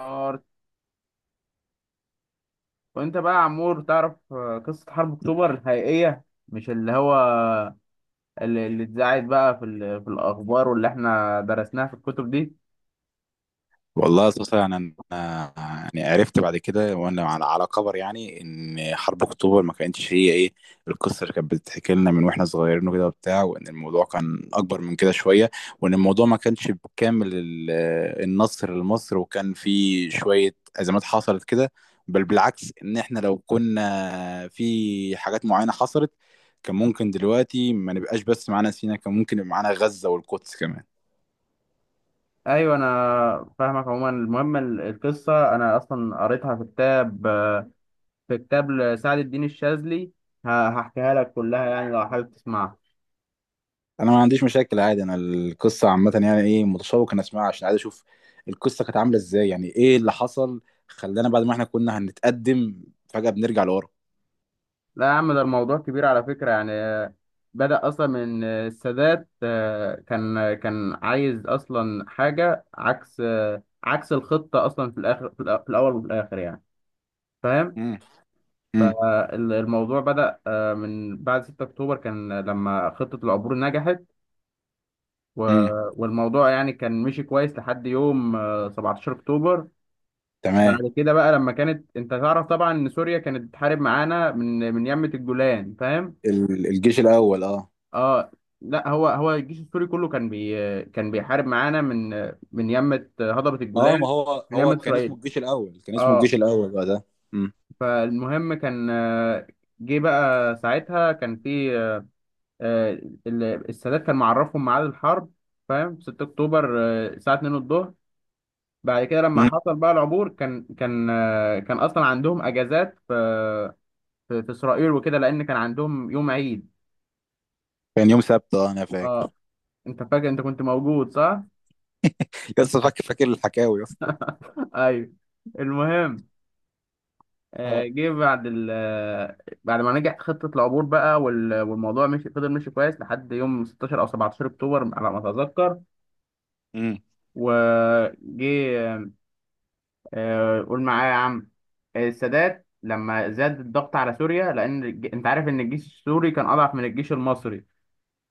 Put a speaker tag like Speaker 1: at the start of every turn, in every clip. Speaker 1: نار. وانت بقى يا عمور تعرف، قصة حرب اكتوبر الحقيقية، مش اللي هو اللي اتذاعت بقى في الأخبار واللي احنا درسناها في الكتب دي.
Speaker 2: والله أساسا يعني أنا عرفت بعد كده وأنا على خبر يعني إن حرب أكتوبر ما كانتش هي القصة اللي كانت بتتحكي لنا من وإحنا صغيرين وكده وبتاع، وإن الموضوع كان أكبر من كده شوية، وإن الموضوع ما كانش بكامل النصر لمصر، وكان في شوية أزمات حصلت كده. بل بالعكس، إن إحنا لو كنا في حاجات معينة حصلت كان ممكن دلوقتي ما نبقاش بس معانا سيناء، كان ممكن يبقى معانا غزة والقدس كمان.
Speaker 1: أيوة، أنا فاهمك. عموما المهم القصة أنا أصلا قريتها في كتاب، في كتاب لسعد الدين الشاذلي. هحكيها لك كلها يعني لو حابب تسمعها.
Speaker 2: انا ما عنديش مشاكل عادي، انا القصه عامه يعني متشوق ان اسمعها عشان عايز اشوف القصه كانت عامله ازاي، يعني اللي حصل خلانا بعد ما احنا كنا هنتقدم فجاه بنرجع لورا.
Speaker 1: لا يا عم، ده الموضوع كبير على فكرة. يعني بدأ أصلا من السادات. كان عايز أصلا حاجة عكس، عكس الخطة أصلا في الآخر، في الأول وفي الآخر يعني، فاهم.
Speaker 2: امم امم
Speaker 1: فالموضوع بدأ من بعد 6 أكتوبر، كان لما خطة العبور نجحت،
Speaker 2: امم
Speaker 1: والموضوع يعني كان مشي كويس لحد يوم 17 أكتوبر.
Speaker 2: تمام.
Speaker 1: بعد كده بقى، لما كانت انت تعرف طبعا ان سوريا كانت بتحارب معانا من من يمة الجولان، فاهم.
Speaker 2: الجيش الاول، اه.
Speaker 1: اه. لا، هو الجيش السوري كله كان بيحارب معانا من من يمة هضبة
Speaker 2: اه، ما
Speaker 1: الجولان،
Speaker 2: هو
Speaker 1: من
Speaker 2: هو
Speaker 1: يمة
Speaker 2: كان اسمه
Speaker 1: اسرائيل.
Speaker 2: الجيش الاول، كان اسمه
Speaker 1: اه.
Speaker 2: الجيش الاول بقى ده. امم
Speaker 1: فالمهم كان، جه بقى ساعتها كان في، آه، السادات كان معرفهم ميعاد الحرب، فاهم. 6 اكتوبر الساعة 2 الظهر. بعد كده لما
Speaker 2: امم
Speaker 1: حصل بقى العبور، كان كان اصلا عندهم اجازات في في اسرائيل وكده، لان كان عندهم يوم عيد.
Speaker 2: كان يوم سبت، اه انا فاكر.
Speaker 1: اه، انت فاكر، انت كنت موجود صح؟
Speaker 2: لسه فاكر، فاكر الحكاوي يا اسطى.
Speaker 1: ايوه. المهم، آه،
Speaker 2: اه.
Speaker 1: جه بعد ال آه، بعد ما نجح خطة العبور بقى، والموضوع مشي، فضل ماشي كويس لحد يوم 16 أو 17 أكتوبر على ما أتذكر.
Speaker 2: امم
Speaker 1: وجه قول معايا يا عم، السادات لما زاد الضغط على سوريا، لأن أنت عارف إن الجيش السوري كان أضعف من الجيش المصري.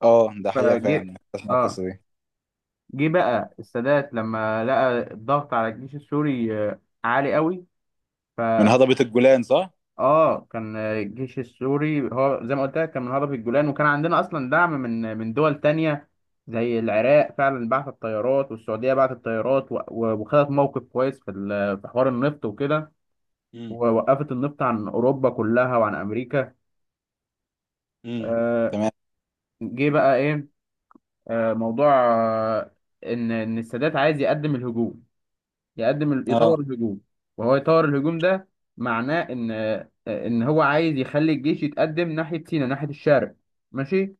Speaker 2: اه، ده حقيقه
Speaker 1: فجه
Speaker 2: فعلا، اسمع
Speaker 1: آه
Speaker 2: القصه دي.
Speaker 1: جه بقى السادات لما لقى الضغط على الجيش السوري عالي قوي.
Speaker 2: من هضبه الجولان صح.
Speaker 1: اه، كان الجيش السوري هو زي ما قلت لك، كان من هرب الجولان. وكان عندنا اصلا دعم من دول تانية زي العراق، فعلا بعت الطيارات، والسعوديه بعتت الطيارات وخدت موقف كويس في حوار النفط وكده،
Speaker 2: امم
Speaker 1: ووقفت النفط عن اوروبا كلها وعن امريكا.
Speaker 2: امم
Speaker 1: آه،
Speaker 2: تمام.
Speaker 1: جه بقى ايه، موضوع آه، ان السادات عايز يقدم الهجوم، يقدم
Speaker 2: اه.
Speaker 1: يطور الهجوم. وهو يطور الهجوم ده معناه ان هو عايز يخلي الجيش يتقدم ناحيه سيناء، ناحيه الشرق، ماشي.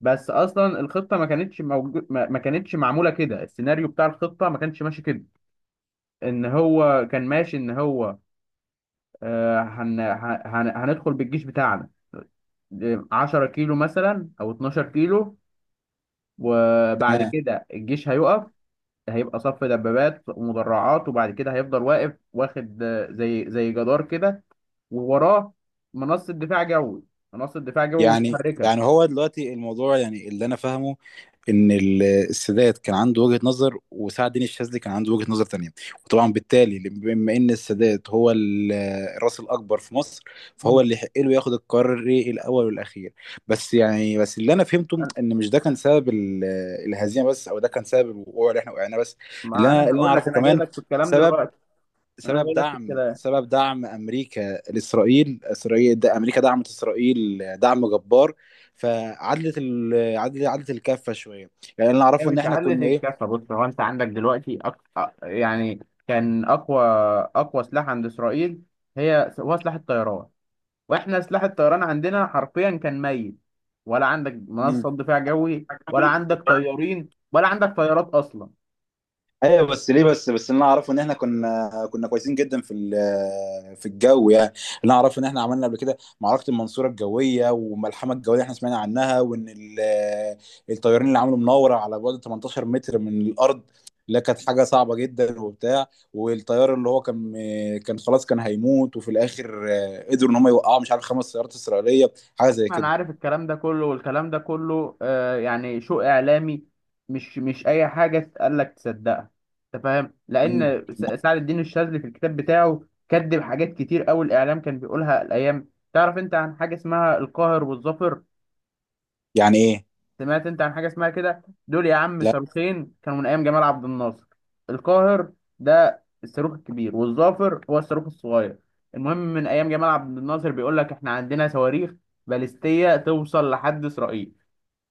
Speaker 1: بس اصلا الخطه ما كانتش موجود، ما كانتش معموله كده، السيناريو بتاع الخطه ما كانش ماشي كده. ان هو كان ماشي ان هو هندخل بالجيش بتاعنا 10 كيلو مثلا او 12 كيلو، وبعد
Speaker 2: تمام.
Speaker 1: كده الجيش هيقف، هيبقى صف دبابات ومدرعات، وبعد كده هيفضل واقف واخد زي جدار كده، ووراه منصة دفاع جوي منصة دفاع جوي
Speaker 2: يعني يعني
Speaker 1: متحركة.
Speaker 2: هو دلوقتي الموضوع يعني اللي انا فاهمه ان السادات كان عنده وجهة نظر، وسعد الدين الشاذلي كان عنده وجهة نظر تانية، وطبعا بالتالي بما ان السادات هو الراس الاكبر في مصر، فهو
Speaker 1: مم.
Speaker 2: اللي يحق له ياخد القرار الاول والاخير. بس يعني، بس اللي انا فهمته
Speaker 1: أنا-
Speaker 2: ان مش ده كان سبب الهزيمة بس، او ده كان سبب الوقوع اللي احنا وقعنا بس. اللي
Speaker 1: ما
Speaker 2: انا
Speaker 1: انا
Speaker 2: اللي انا
Speaker 1: هقول لك،
Speaker 2: اعرفه
Speaker 1: انا جاي
Speaker 2: كمان،
Speaker 1: لك في الكلام
Speaker 2: سبب
Speaker 1: دلوقتي، انا
Speaker 2: سبب
Speaker 1: جاي لك في
Speaker 2: دعم
Speaker 1: الكلام.
Speaker 2: سبب دعم امريكا لاسرائيل، ده امريكا دعمت اسرائيل دعم جبار، فعدلت ال... عدلت عدلت الكفه شويه. يعني اللي
Speaker 1: هي
Speaker 2: اعرفه ان
Speaker 1: من
Speaker 2: احنا
Speaker 1: شعلة
Speaker 2: كنا ايه.
Speaker 1: الكفة، بص هو انت عندك دلوقتي يعني كان اقوى سلاح عند اسرائيل هي، هو سلاح الطيران. واحنا سلاح الطيران عندنا حرفيا كان ميت، ولا عندك منصة دفاع جوي، ولا عندك
Speaker 2: مم.
Speaker 1: طيارين، ولا عندك طيارات اصلا.
Speaker 2: ايوه بس ليه، بس اللي انا اعرفه ان احنا كنا كويسين جدا في في الجو، يعني اللي انا اعرفه ان احنا عملنا قبل كده معركه المنصوره الجويه والملحمه الجويه اللي احنا سمعنا عنها، وان الطيارين اللي عملوا مناوره على بعد 18 متر من الارض. لا، كانت حاجه صعبه جدا وبتاع. والطيار اللي هو كان خلاص كان هيموت، وفي الاخر قدروا ان هم يوقعوا مش عارف خمس سيارات اسرائيليه، حاجه زي
Speaker 1: انا
Speaker 2: كده.
Speaker 1: عارف الكلام ده كله، والكلام ده كله آه يعني شو اعلامي. مش اي حاجة تقال لك تصدقها، انت فاهم.
Speaker 2: مم.
Speaker 1: لان سعد الدين الشاذلي في الكتاب بتاعه كذب حاجات كتير قوي الاعلام كان بيقولها الايام. تعرف انت عن حاجة اسمها القاهر والظافر؟
Speaker 2: يعني ايه.
Speaker 1: سمعت انت عن حاجه اسمها كده؟ دول يا عم
Speaker 2: لا.
Speaker 1: صاروخين كانوا من ايام جمال عبد الناصر. القاهر ده الصاروخ الكبير، والظافر هو الصاروخ الصغير. المهم من ايام جمال عبد الناصر بيقول لك احنا عندنا صواريخ باليستيه توصل لحد اسرائيل.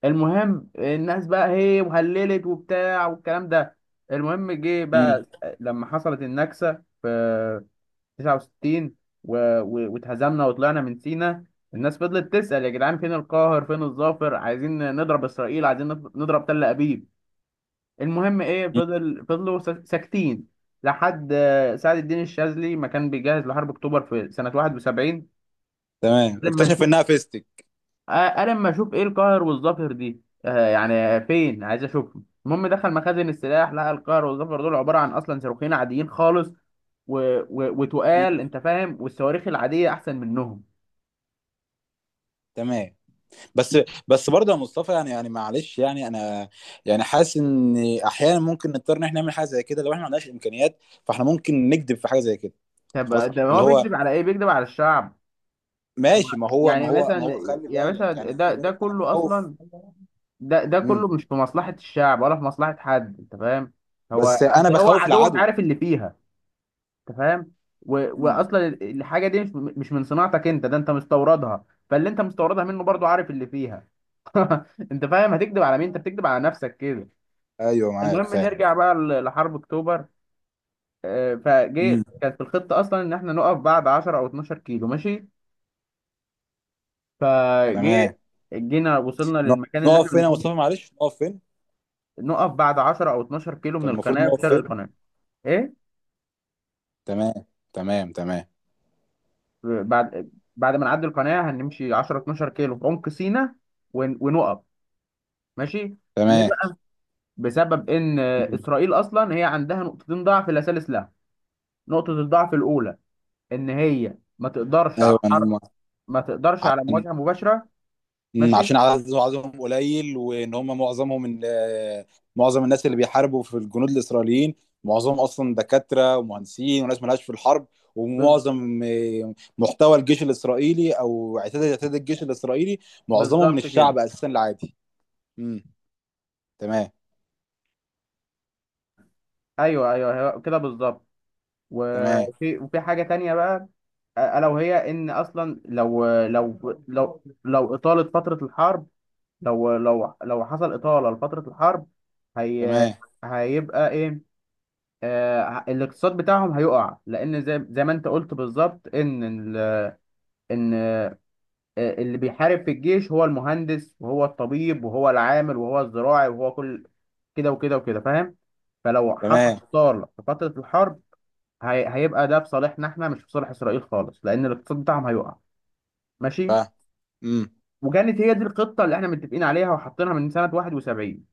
Speaker 1: المهم الناس بقى هي وهللت وبتاع والكلام ده. المهم جه
Speaker 2: مم.
Speaker 1: بقى لما حصلت النكسه في 69 واتهزمنا وطلعنا من سينا، الناس فضلت تسأل يا جدعان فين القاهر، فين الظافر، عايزين نضرب إسرائيل، عايزين نضرب تل أبيب. المهم إيه،
Speaker 2: مم.
Speaker 1: فضلوا ساكتين لحد سعد الدين الشاذلي ما كان بيجهز لحرب أكتوبر في سنة 71.
Speaker 2: تمام،
Speaker 1: لما
Speaker 2: اكتشف
Speaker 1: نشوف
Speaker 2: انها فيستك.
Speaker 1: آه، لما أشوف إيه القاهر والظافر دي يعني فين، عايز أشوفهم. المهم دخل مخازن السلاح، لقى القاهر والظفر دول عبارة عن أصلا صاروخين عاديين خالص، وتقال
Speaker 2: مم.
Speaker 1: انت فاهم، والصواريخ العاديه احسن منهم.
Speaker 2: تمام. بس، بس برضه يا مصطفى، يعني معلش، انا يعني حاسس ان احيانا ممكن نضطر ان احنا نعمل حاجه زي كده لو احنا ما عندناش امكانيات، فاحنا ممكن نكذب في حاجه زي كده.
Speaker 1: طب
Speaker 2: خلاص
Speaker 1: ده
Speaker 2: اللي
Speaker 1: هو
Speaker 2: هو
Speaker 1: بيكذب على ايه؟ بيكذب على الشعب. طب
Speaker 2: ماشي، ما هو ما
Speaker 1: يعني
Speaker 2: هو ما
Speaker 1: مثلا،
Speaker 2: هو خلي
Speaker 1: يا باشا
Speaker 2: بالك، يعني
Speaker 1: ده
Speaker 2: خلي
Speaker 1: ده
Speaker 2: بالك انا
Speaker 1: كله
Speaker 2: بخوف.
Speaker 1: اصلا، ده كله
Speaker 2: امم.
Speaker 1: مش في مصلحة الشعب ولا في مصلحة حد، انت فاهم. هو
Speaker 2: بس انا
Speaker 1: أصل هو
Speaker 2: بخوف
Speaker 1: عدوك
Speaker 2: العدو.
Speaker 1: عارف اللي فيها، انت فاهم. و...
Speaker 2: امم.
Speaker 1: واصلا الحاجة دي مش من صناعتك انت، ده انت مستوردها، فاللي انت مستوردها منه برضو عارف اللي فيها. انت فاهم؟ هتكذب على مين؟ انت بتكذب على نفسك كده.
Speaker 2: ايوه معاك
Speaker 1: المهم
Speaker 2: فاهم.
Speaker 1: نرجع بقى لحرب اكتوبر. فجه
Speaker 2: امم.
Speaker 1: كانت في الخطة اصلا ان احنا نقف بعد 10 او 12 كيلو، ماشي. فجي
Speaker 2: تمام.
Speaker 1: جينا وصلنا
Speaker 2: ن-
Speaker 1: للمكان اللي احنا
Speaker 2: نقف فين يا
Speaker 1: المفروض،
Speaker 2: مصطفى، معلش نقف فين.
Speaker 1: نقف بعد 10 او 12 كيلو من
Speaker 2: كان المفروض
Speaker 1: القناه في
Speaker 2: نقف
Speaker 1: شرق
Speaker 2: فين.
Speaker 1: القناه. ايه.
Speaker 2: تمام تمام.
Speaker 1: بعد بعد ما نعدي القناه، هنمشي 10 12 كيلو في عمق سيناء ونقف، ماشي. ليه
Speaker 2: تمام
Speaker 1: بقى؟ بسبب ان
Speaker 2: مم.
Speaker 1: اسرائيل اصلا هي عندها نقطتين ضعف لا ثالث لها. نقطه الضعف الاولى ان هي ما تقدرش على
Speaker 2: ايوه
Speaker 1: حرب،
Speaker 2: انا
Speaker 1: ما تقدرش على
Speaker 2: عشان،
Speaker 1: مواجهه مباشره،
Speaker 2: مم،
Speaker 1: ماشي.
Speaker 2: عشان عددهم قليل، وان هم معظمهم من معظم الناس اللي بيحاربوا في الجنود الاسرائيليين، معظمهم اصلا دكاتره ومهندسين وناس مالهاش في الحرب،
Speaker 1: بز-
Speaker 2: ومعظم محتوى الجيش الاسرائيلي او اعتاد الجيش الاسرائيلي معظمهم من
Speaker 1: بالظبط كده.
Speaker 2: الشعب اساسا العادي. امم. تمام
Speaker 1: ايوه، ايوه، كده بالظبط.
Speaker 2: تمام.
Speaker 1: وفي حاجه تانية بقى، الا وهي ان اصلا لو اطاله فتره الحرب، لو حصل اطاله لفتره الحرب، هي
Speaker 2: تمام
Speaker 1: هيبقى ايه آه، الاقتصاد بتاعهم هيقع. لان زي ما انت قلت بالظبط، ان ال- ان آه، اللي بيحارب في الجيش هو المهندس، وهو الطبيب، وهو العامل، وهو الزراعي، وهو كل كده وكده وكده، فاهم. فلو حصل
Speaker 2: تمام.
Speaker 1: اطاله في فتره الحرب، هي هيبقى ده في صالحنا احنا، مش في صالح اسرائيل خالص، لان الاقتصاد بتاعهم هيقع، ماشي.
Speaker 2: فاهم. امم.
Speaker 1: وكانت هي دي الخطه اللي احنا متفقين عليها وحاطينها من سنه 71.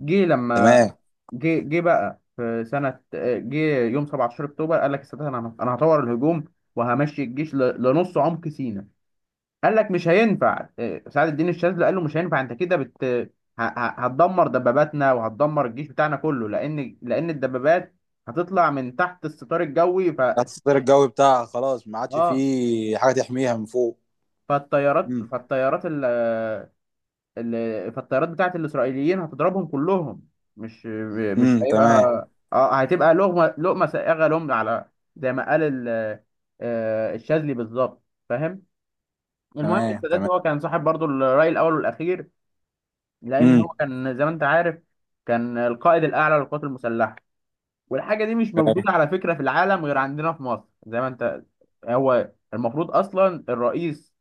Speaker 1: جه لما
Speaker 2: تمام.
Speaker 1: جه جه بقى في سنه جه يوم 17 اكتوبر قال لك السادات، انا هطور الهجوم وهمشي الجيش لنص عمق سيناء. قال لك مش هينفع سعد الدين الشاذلي قال له مش هينفع، انت كده هتدمر دباباتنا، وهتدمر الجيش بتاعنا كله، لان الدبابات هتطلع من تحت الستار الجوي. ف
Speaker 2: الستار الجوي بتاعها خلاص ما عادش
Speaker 1: اه
Speaker 2: فيه حاجه تحميها من فوق.
Speaker 1: فالطيارات
Speaker 2: امم
Speaker 1: فالطيارات ال- ال- فالطيارات بتاعت الإسرائيليين هتضربهم كلهم، مش مش هيبقى،
Speaker 2: تمام.
Speaker 1: اه هتبقى لقمة سائغة لهم، على زي ما قال ال- الشاذلي بالظبط، فاهم. المهم
Speaker 2: تمام
Speaker 1: السادات
Speaker 2: تمام
Speaker 1: هو كان صاحب برضو الرأي الأول والأخير، لأن
Speaker 2: امم.
Speaker 1: هو كان زي ما أنت عارف كان القائد الأعلى للقوات المسلحة. والحاجة دي مش موجودة على فكرة في العالم غير عندنا في مصر، زي ما أنت، هو المفروض أصلا الرئيس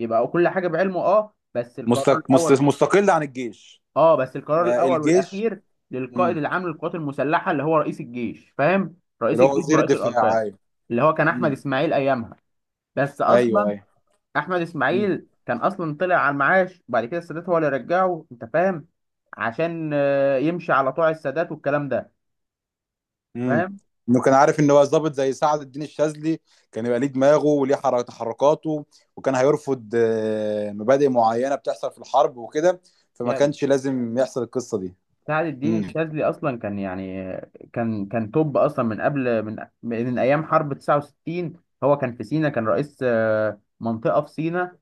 Speaker 1: يبقى كل حاجة بعلمه. أه،
Speaker 2: مستقل عن الجيش.
Speaker 1: بس القرار
Speaker 2: يبقى
Speaker 1: الاول
Speaker 2: الجيش.
Speaker 1: والاخير للقائد
Speaker 2: امم.
Speaker 1: العام للقوات المسلحه اللي هو رئيس الجيش، فاهم. رئيس
Speaker 2: اللي هو
Speaker 1: الجيش
Speaker 2: وزير
Speaker 1: ورئيس
Speaker 2: الدفاع،
Speaker 1: الاركان
Speaker 2: ايوه.
Speaker 1: اللي هو كان احمد
Speaker 2: امم.
Speaker 1: اسماعيل ايامها. بس
Speaker 2: ايوه
Speaker 1: اصلا
Speaker 2: ايوه
Speaker 1: احمد
Speaker 2: امم.
Speaker 1: اسماعيل كان اصلا طلع على المعاش، وبعد كده السادات هو اللي رجعه، انت فاهم، عشان يمشي على طوع السادات والكلام ده،
Speaker 2: امم.
Speaker 1: فاهم.
Speaker 2: انه كان عارف ان هو ظابط زي سعد الدين الشاذلي، كان يبقى ليه دماغه وليه تحركاته، وكان هيرفض مبادئ معينه بتحصل في الحرب وكده، فما
Speaker 1: يعني
Speaker 2: كانش لازم يحصل القصه دي.
Speaker 1: سعد الدين
Speaker 2: امم
Speaker 1: الشاذلي اصلا كان يعني كان توب اصلا من قبل، من ايام حرب 69. هو كان في سينا، كان رئيس منطقه في سينا،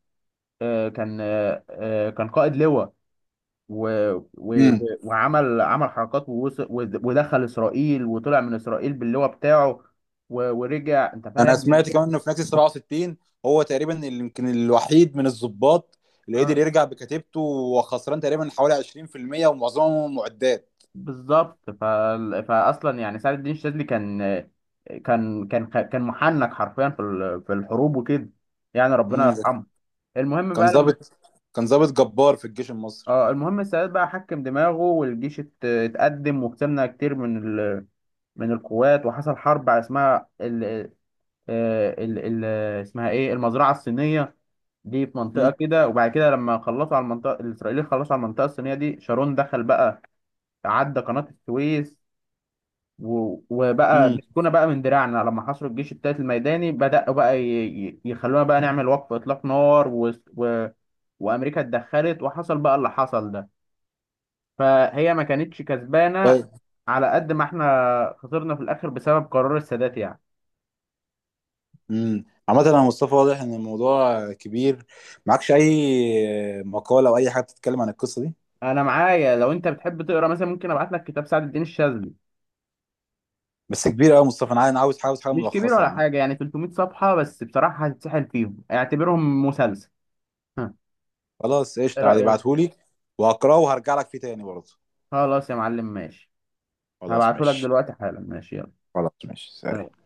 Speaker 1: كان كان قائد لواء و... و... و-
Speaker 2: امم
Speaker 1: وعمل عمل حركات، ووصل ودخل اسرائيل وطلع من اسرائيل باللواء بتاعه ورجع انت
Speaker 2: انا
Speaker 1: فاهم من
Speaker 2: سمعت
Speaker 1: غير.
Speaker 2: كمان انه في نكسة 67 هو تقريبا اللي يمكن الوحيد من الضباط اللي قدر
Speaker 1: اه،
Speaker 2: يرجع بكتيبته وخسران تقريبا حوالي 20% ومعظمهم معدات.
Speaker 1: بالظبط. فاصلا يعني سعد الدين الشاذلي كان محنك حرفيا في الحروب وكده، يعني ربنا
Speaker 2: امم. ده
Speaker 1: يرحمه. المهم
Speaker 2: كان
Speaker 1: بقى لما
Speaker 2: ضابط، كان ضابط جبار في الجيش المصري.
Speaker 1: اه المهم السادات بقى حكم دماغه، والجيش اتقدم، وكسبنا كتير من القوات. وحصل حرب اسمها آه، ال ال اسمها ايه، المزرعه الصينيه، دي في
Speaker 2: امم
Speaker 1: منطقه كده. وبعد كده لما خلصوا على المنطقه، الاسرائيليين خلصوا على المنطقه الصينيه دي، شارون دخل بقى، عدى قناه السويس وبقى
Speaker 2: امم
Speaker 1: مسكونا بقى من دراعنا. لما حصروا الجيش التالت الميداني، بدأوا بقى يخلونا بقى نعمل وقف اطلاق نار وامريكا اتدخلت، وحصل بقى اللي حصل ده. فهي ما كانتش كسبانه
Speaker 2: طيب.
Speaker 1: على قد ما احنا خسرنا في الاخر بسبب قرار السادات يعني.
Speaker 2: امم. عامة يا مصطفى واضح ان الموضوع كبير، معكش اي مقالة او اي حاجة بتتكلم عن القصة دي.
Speaker 1: انا معايا، لو انت بتحب تقرا مثلا، ممكن ابعت لك كتاب سعد الدين الشاذلي.
Speaker 2: بس كبير قوي يا مصطفى، انا عايز، عاوز حاجة
Speaker 1: مش كبير
Speaker 2: ملخصة يا
Speaker 1: ولا
Speaker 2: عم.
Speaker 1: حاجه، يعني 300 صفحه بس، بصراحه هتتسحل فيهم، اعتبرهم مسلسل. ها،
Speaker 2: خلاص
Speaker 1: ايه
Speaker 2: قشطة عادي،
Speaker 1: رايك؟
Speaker 2: ابعتهولي، وهقراه وهرجع لك فيه تاني برضه.
Speaker 1: خلاص يا معلم، ماشي.
Speaker 2: خلاص
Speaker 1: هبعته لك
Speaker 2: ماشي.
Speaker 1: دلوقتي حالا، ماشي.
Speaker 2: خلاص ماشي،
Speaker 1: يلا.
Speaker 2: سلام.